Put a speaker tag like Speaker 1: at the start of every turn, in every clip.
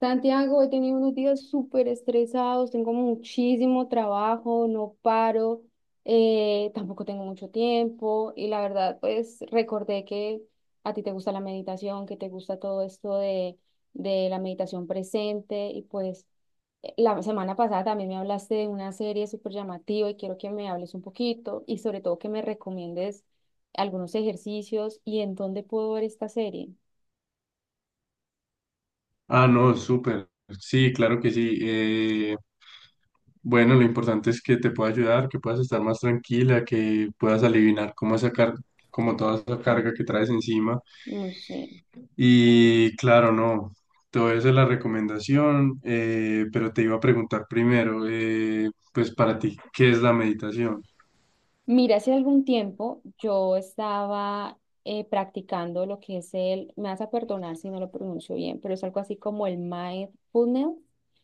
Speaker 1: Santiago, he tenido unos días súper estresados, tengo muchísimo trabajo, no paro, tampoco tengo mucho tiempo y la verdad, pues recordé que a ti te gusta la meditación, que te gusta todo esto de la meditación presente y pues la semana pasada también me hablaste de una serie súper llamativa y quiero que me hables un poquito y sobre todo que me recomiendes algunos ejercicios y en dónde puedo ver esta serie.
Speaker 2: Ah, no, súper. Sí, claro que sí. Bueno, lo importante es que te pueda ayudar, que puedas estar más tranquila, que puedas aliviar cómo sacar, como toda esa carga que traes encima.
Speaker 1: No sé.
Speaker 2: Y claro, no, todo eso es la recomendación, pero te iba a preguntar primero, pues para ti, ¿qué es la meditación?
Speaker 1: Mira, hace algún tiempo yo estaba practicando lo que es me vas a perdonar si no lo pronuncio bien, pero es algo así como el mindfulness,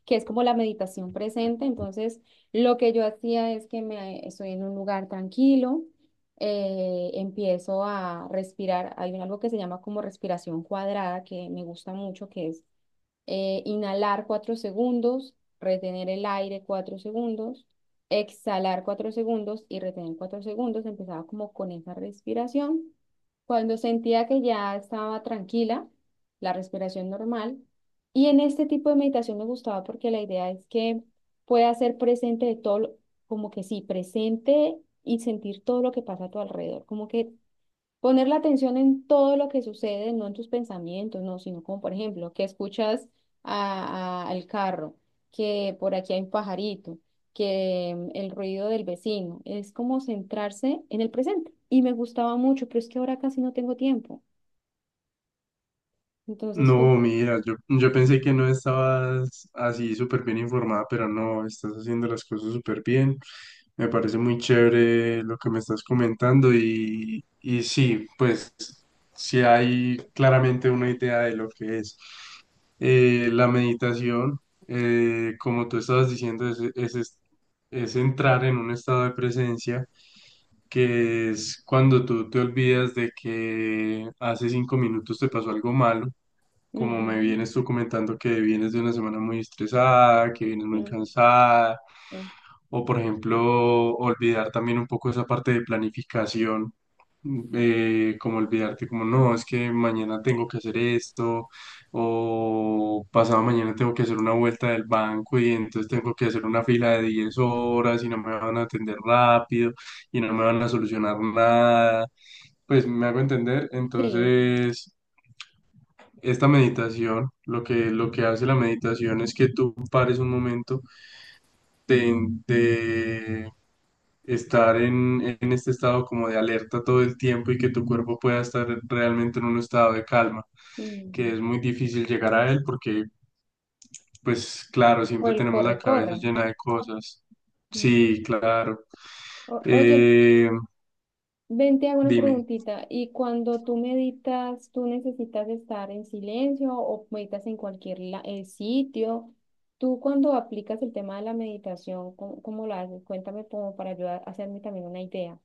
Speaker 1: que es como la meditación presente. Entonces, lo que yo hacía es que me estoy en un lugar tranquilo, empiezo a respirar. Algo que se llama como respiración cuadrada, que me gusta mucho, que es inhalar 4 segundos, retener el aire 4 segundos, exhalar 4 segundos y retener 4 segundos. Empezaba como con esa respiración. Cuando sentía que ya estaba tranquila, la respiración normal. Y en este tipo de meditación me gustaba porque la idea es que pueda ser presente de todo, como que sí, presente y sentir todo lo que pasa a tu alrededor, como que poner la atención en todo lo que sucede, no en tus pensamientos, no, sino como por ejemplo, que escuchas al carro, que por aquí hay un pajarito, que el ruido del vecino, es como centrarse en el presente. Y me gustaba mucho, pero es que ahora casi no tengo tiempo. Entonces tú,
Speaker 2: No, mira, yo pensé que no estabas así súper bien informada, pero no, estás haciendo las cosas súper bien. Me parece muy chévere lo que me estás comentando y, sí, pues sí hay claramente una idea de lo que es. La meditación, como tú estabas diciendo, es entrar en un estado de presencia que es cuando tú te olvidas de que hace 5 minutos te pasó algo malo, como me
Speaker 1: ujú,
Speaker 2: vienes tú comentando que vienes de una semana muy estresada, que vienes muy
Speaker 1: mm,
Speaker 2: cansada.
Speaker 1: eh,
Speaker 2: O por ejemplo, olvidar también un poco esa parte de planificación, como olvidarte como no, es que mañana tengo que hacer esto, o pasado mañana tengo que hacer una vuelta del banco y entonces tengo que hacer una fila de 10 horas y no me van a atender rápido y no me van a solucionar nada. Pues me hago entender.
Speaker 1: sí,
Speaker 2: Entonces, esta meditación, lo que hace la meditación es que tú pares un momento de, de estar en este estado como de alerta todo el tiempo y que tu cuerpo pueda estar realmente en un estado de calma, que
Speaker 1: mm,
Speaker 2: es muy difícil llegar a él porque, pues claro,
Speaker 1: o
Speaker 2: siempre
Speaker 1: el
Speaker 2: tenemos la
Speaker 1: corre,
Speaker 2: cabeza
Speaker 1: corre.
Speaker 2: llena de cosas.
Speaker 1: Mm.
Speaker 2: Sí, claro.
Speaker 1: Oye.
Speaker 2: Eh,
Speaker 1: Ven, te hago una
Speaker 2: Dime.
Speaker 1: preguntita. ¿Y cuando tú meditas, tú necesitas estar en silencio o meditas en cualquier sitio? Tú cuando aplicas el tema de la meditación, ¿cómo, cómo lo haces? Cuéntame como para ayudar a hacerme también una idea.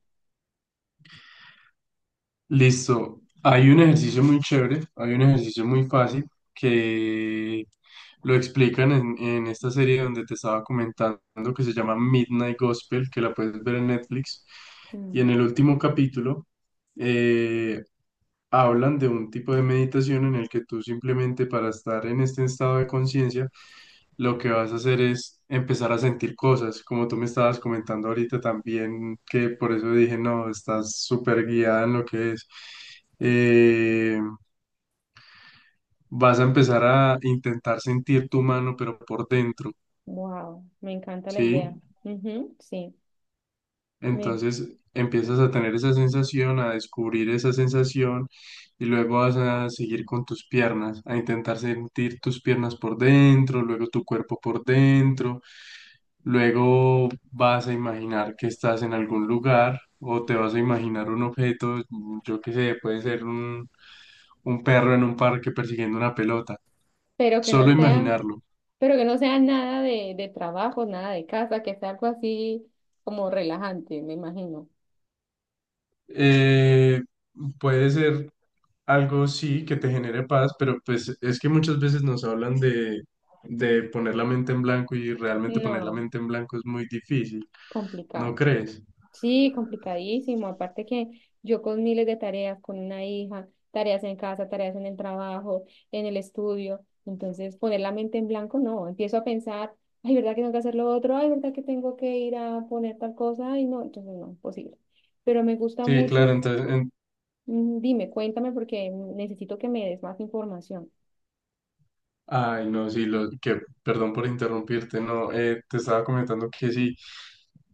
Speaker 2: Listo. Hay un ejercicio muy chévere, hay un ejercicio muy fácil que lo explican en esta serie donde te estaba comentando, que se llama Midnight Gospel, que la puedes ver en Netflix. Y en el último capítulo eh, hablan de un tipo de meditación en el que tú simplemente para estar en este estado de conciencia, lo que vas a hacer es empezar a sentir cosas, como tú me estabas comentando ahorita también, que por eso dije, no, estás súper guiada en lo que es. Eh, Vas a empezar a intentar sentir tu mano, pero por dentro,
Speaker 1: Wow, me encanta la idea.
Speaker 2: ¿sí?
Speaker 1: Ujú, sí, me-
Speaker 2: Entonces empiezas a tener esa sensación, a descubrir esa sensación, y luego vas a seguir con tus piernas, a intentar sentir tus piernas por dentro, luego tu cuerpo por dentro, luego vas a imaginar que estás en algún lugar o te vas a imaginar un objeto, yo qué sé, puede ser un perro en un parque persiguiendo una pelota,
Speaker 1: pero que
Speaker 2: solo
Speaker 1: no sea,
Speaker 2: imaginarlo.
Speaker 1: pero que no sea nada de trabajo, nada de casa, que sea algo así como relajante, me imagino.
Speaker 2: Eh, Puede ser algo sí que te genere paz, pero pues es que muchas veces nos hablan de poner la mente en blanco, y realmente poner la
Speaker 1: No,
Speaker 2: mente en blanco es muy difícil, ¿no
Speaker 1: complicado.
Speaker 2: crees?
Speaker 1: Sí, complicadísimo. Aparte que yo con miles de tareas, con una hija, tareas en casa, tareas en el trabajo, en el estudio. Entonces, poner la mente en blanco, no. Empiezo a pensar, ay, ¿verdad que tengo que hacer lo otro? Ay, ¿verdad que tengo que ir a poner tal cosa? Ay, no, entonces no, imposible. Pero me gusta
Speaker 2: Sí, claro,
Speaker 1: mucho.
Speaker 2: entonces, en-
Speaker 1: Mm, dime, cuéntame porque necesito que me des más información.
Speaker 2: Ay, no, sí, lo que, perdón por interrumpirte, no, te estaba comentando que sí,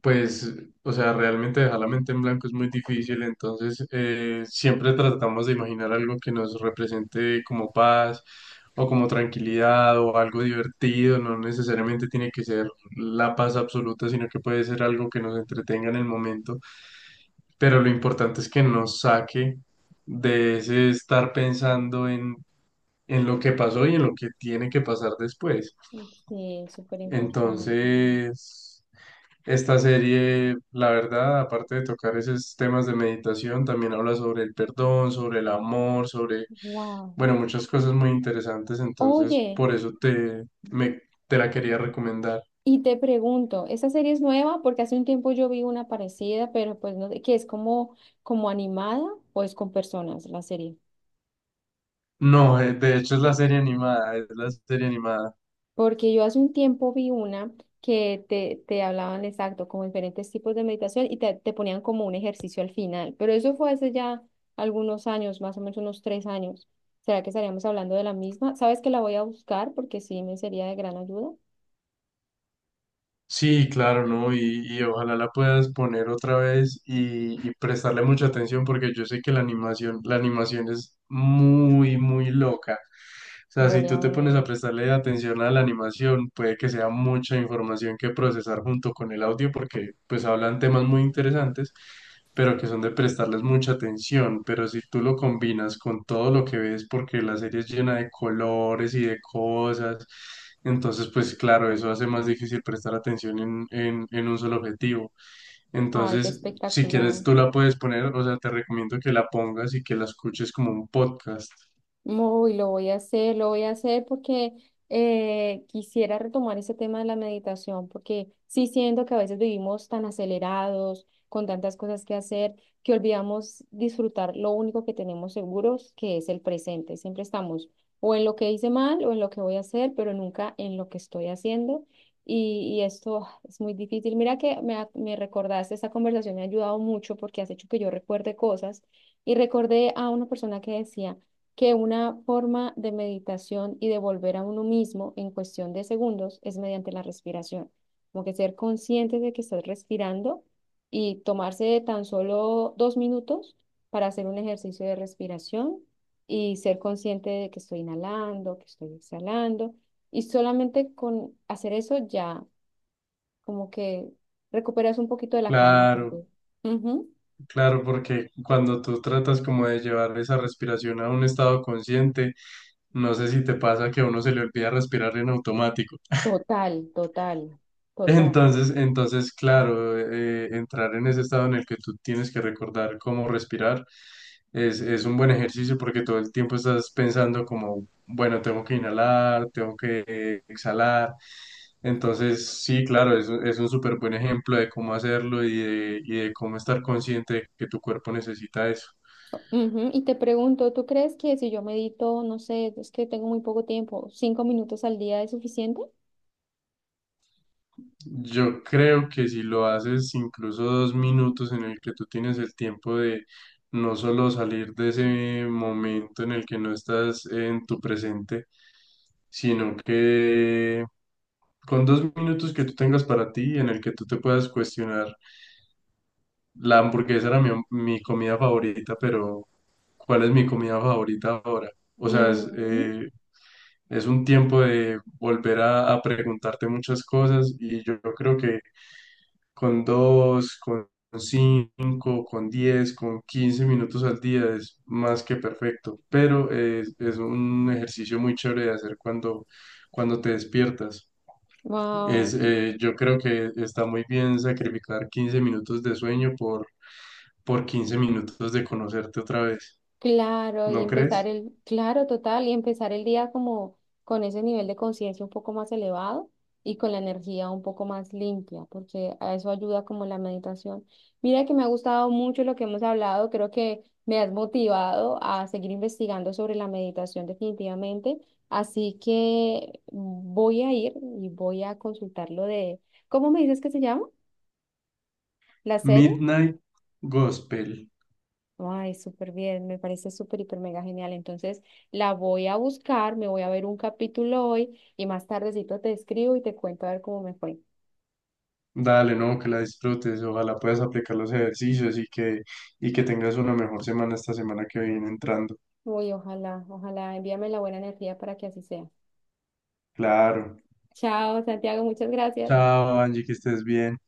Speaker 2: pues, o sea, realmente dejar la mente en blanco es muy difícil, entonces siempre tratamos de imaginar algo que nos represente como paz o como tranquilidad o algo divertido, no necesariamente tiene que ser la paz absoluta, sino que puede ser algo que nos entretenga en el momento, pero lo importante es que nos saque de ese estar pensando en lo que pasó y en lo que tiene que pasar después.
Speaker 1: Sí, súper importante.
Speaker 2: Entonces, esta serie, la verdad, aparte de tocar esos temas de meditación, también habla sobre el perdón, sobre el amor, sobre,
Speaker 1: Wow.
Speaker 2: bueno, muchas cosas muy interesantes. Entonces,
Speaker 1: Oye.
Speaker 2: por eso me, te la quería recomendar.
Speaker 1: Y te pregunto, ¿esa serie es nueva? Porque hace un tiempo yo vi una parecida, pero pues no sé, que es como, como animada o es con personas la serie.
Speaker 2: No, de hecho es la serie animada, es la serie animada.
Speaker 1: Porque yo hace un tiempo vi una que te hablaban exacto, como diferentes tipos de meditación y te ponían como un ejercicio al final. Pero eso fue hace ya algunos años, más o menos unos 3 años. ¿Será que estaríamos hablando de la misma? ¿Sabes que la voy a buscar? Porque sí me sería de gran ayuda.
Speaker 2: Sí, claro, ¿no? Y, ojalá la puedas poner otra vez y, prestarle mucha atención porque yo sé que la animación es muy, muy loca. O sea, si
Speaker 1: Voy
Speaker 2: tú
Speaker 1: a
Speaker 2: te
Speaker 1: ver.
Speaker 2: pones a prestarle atención a la animación, puede que sea mucha información que procesar junto con el audio, porque pues hablan temas muy interesantes, pero que son de prestarles mucha atención. Pero si tú lo combinas con todo lo que ves, porque la serie es llena de colores y de cosas, entonces pues claro, eso hace más difícil prestar atención en un solo objetivo.
Speaker 1: Ay, qué
Speaker 2: Entonces, si quieres,
Speaker 1: espectacular.
Speaker 2: tú la puedes poner, o sea, te recomiendo que la pongas y que la escuches como un podcast.
Speaker 1: Uy, lo voy a hacer, lo voy a hacer porque quisiera retomar ese tema de la meditación, porque sí siento que a veces vivimos tan acelerados, con tantas cosas que hacer, que olvidamos disfrutar lo único que tenemos seguros, que es el presente. Siempre estamos o en lo que hice mal o en lo que voy a hacer, pero nunca en lo que estoy haciendo. Y esto es muy difícil. Mira que me recordaste, esta conversación me ha ayudado mucho porque has hecho que yo recuerde cosas y recordé a una persona que decía que una forma de meditación y de volver a uno mismo en cuestión de segundos es mediante la respiración. Como que ser consciente de que estás respirando y tomarse tan solo 2 minutos para hacer un ejercicio de respiración y ser consciente de que estoy inhalando, que estoy exhalando. Y solamente con hacer eso ya como que recuperas un poquito de la calma
Speaker 2: Claro.
Speaker 1: perdida. Ujú.
Speaker 2: Claro, porque cuando tú tratas como de llevar esa respiración a un estado consciente, no sé si te pasa que a uno se le olvida respirar en automático.
Speaker 1: Total, total, total.
Speaker 2: Entonces, claro, entrar en ese estado en el que tú tienes que recordar cómo respirar es un buen ejercicio porque todo el tiempo estás pensando como, bueno, tengo que inhalar, tengo que exhalar. Entonces, sí, claro, es un súper buen ejemplo de cómo hacerlo y de, de cómo estar consciente de que tu cuerpo necesita eso.
Speaker 1: Ujú, y te pregunto, ¿tú crees que si yo medito, no sé, es que tengo muy poco tiempo, 5 minutos al día es suficiente?
Speaker 2: Yo creo que si lo haces incluso 2 minutos en el que tú tienes el tiempo de no solo salir de ese momento en el que no estás en tu presente, sino que con 2 minutos que tú tengas para ti, en el que tú te puedas cuestionar, la hamburguesa era mi comida favorita, pero ¿cuál es mi comida favorita ahora? O sea,
Speaker 1: Ujú,
Speaker 2: es un tiempo de volver a preguntarte muchas cosas, y yo creo que con dos, con cinco, con 10, con 15 minutos al día es más que perfecto, pero es un ejercicio muy chévere de hacer cuando te despiertas.
Speaker 1: wow.
Speaker 2: Yo creo que está muy bien sacrificar 15 minutos de sueño por 15 minutos de conocerte otra vez,
Speaker 1: Claro, y
Speaker 2: ¿no
Speaker 1: empezar
Speaker 2: crees?
Speaker 1: claro, total, y empezar el día como con ese nivel de conciencia un poco más elevado y con la energía un poco más limpia, porque a eso ayuda como la meditación. Mira que me ha gustado mucho lo que hemos hablado, creo que me has motivado a seguir investigando sobre la meditación definitivamente, así que voy a ir y voy a consultar lo de, ¿cómo me dices que se llama? ¿La serie?
Speaker 2: Midnight Gospel.
Speaker 1: Ay, súper bien, me parece súper, hiper, mega genial. Entonces la voy a buscar, me voy a ver un capítulo hoy y más tardecito te escribo y te cuento a ver cómo me fue.
Speaker 2: Dale, no, que la disfrutes. Ojalá puedas aplicar los ejercicios y que, que tengas una mejor semana esta semana que viene entrando.
Speaker 1: Uy, ojalá, ojalá, envíame la buena energía para que así sea.
Speaker 2: Claro.
Speaker 1: Chao, Santiago, muchas gracias.
Speaker 2: Chao, Angie, que estés bien.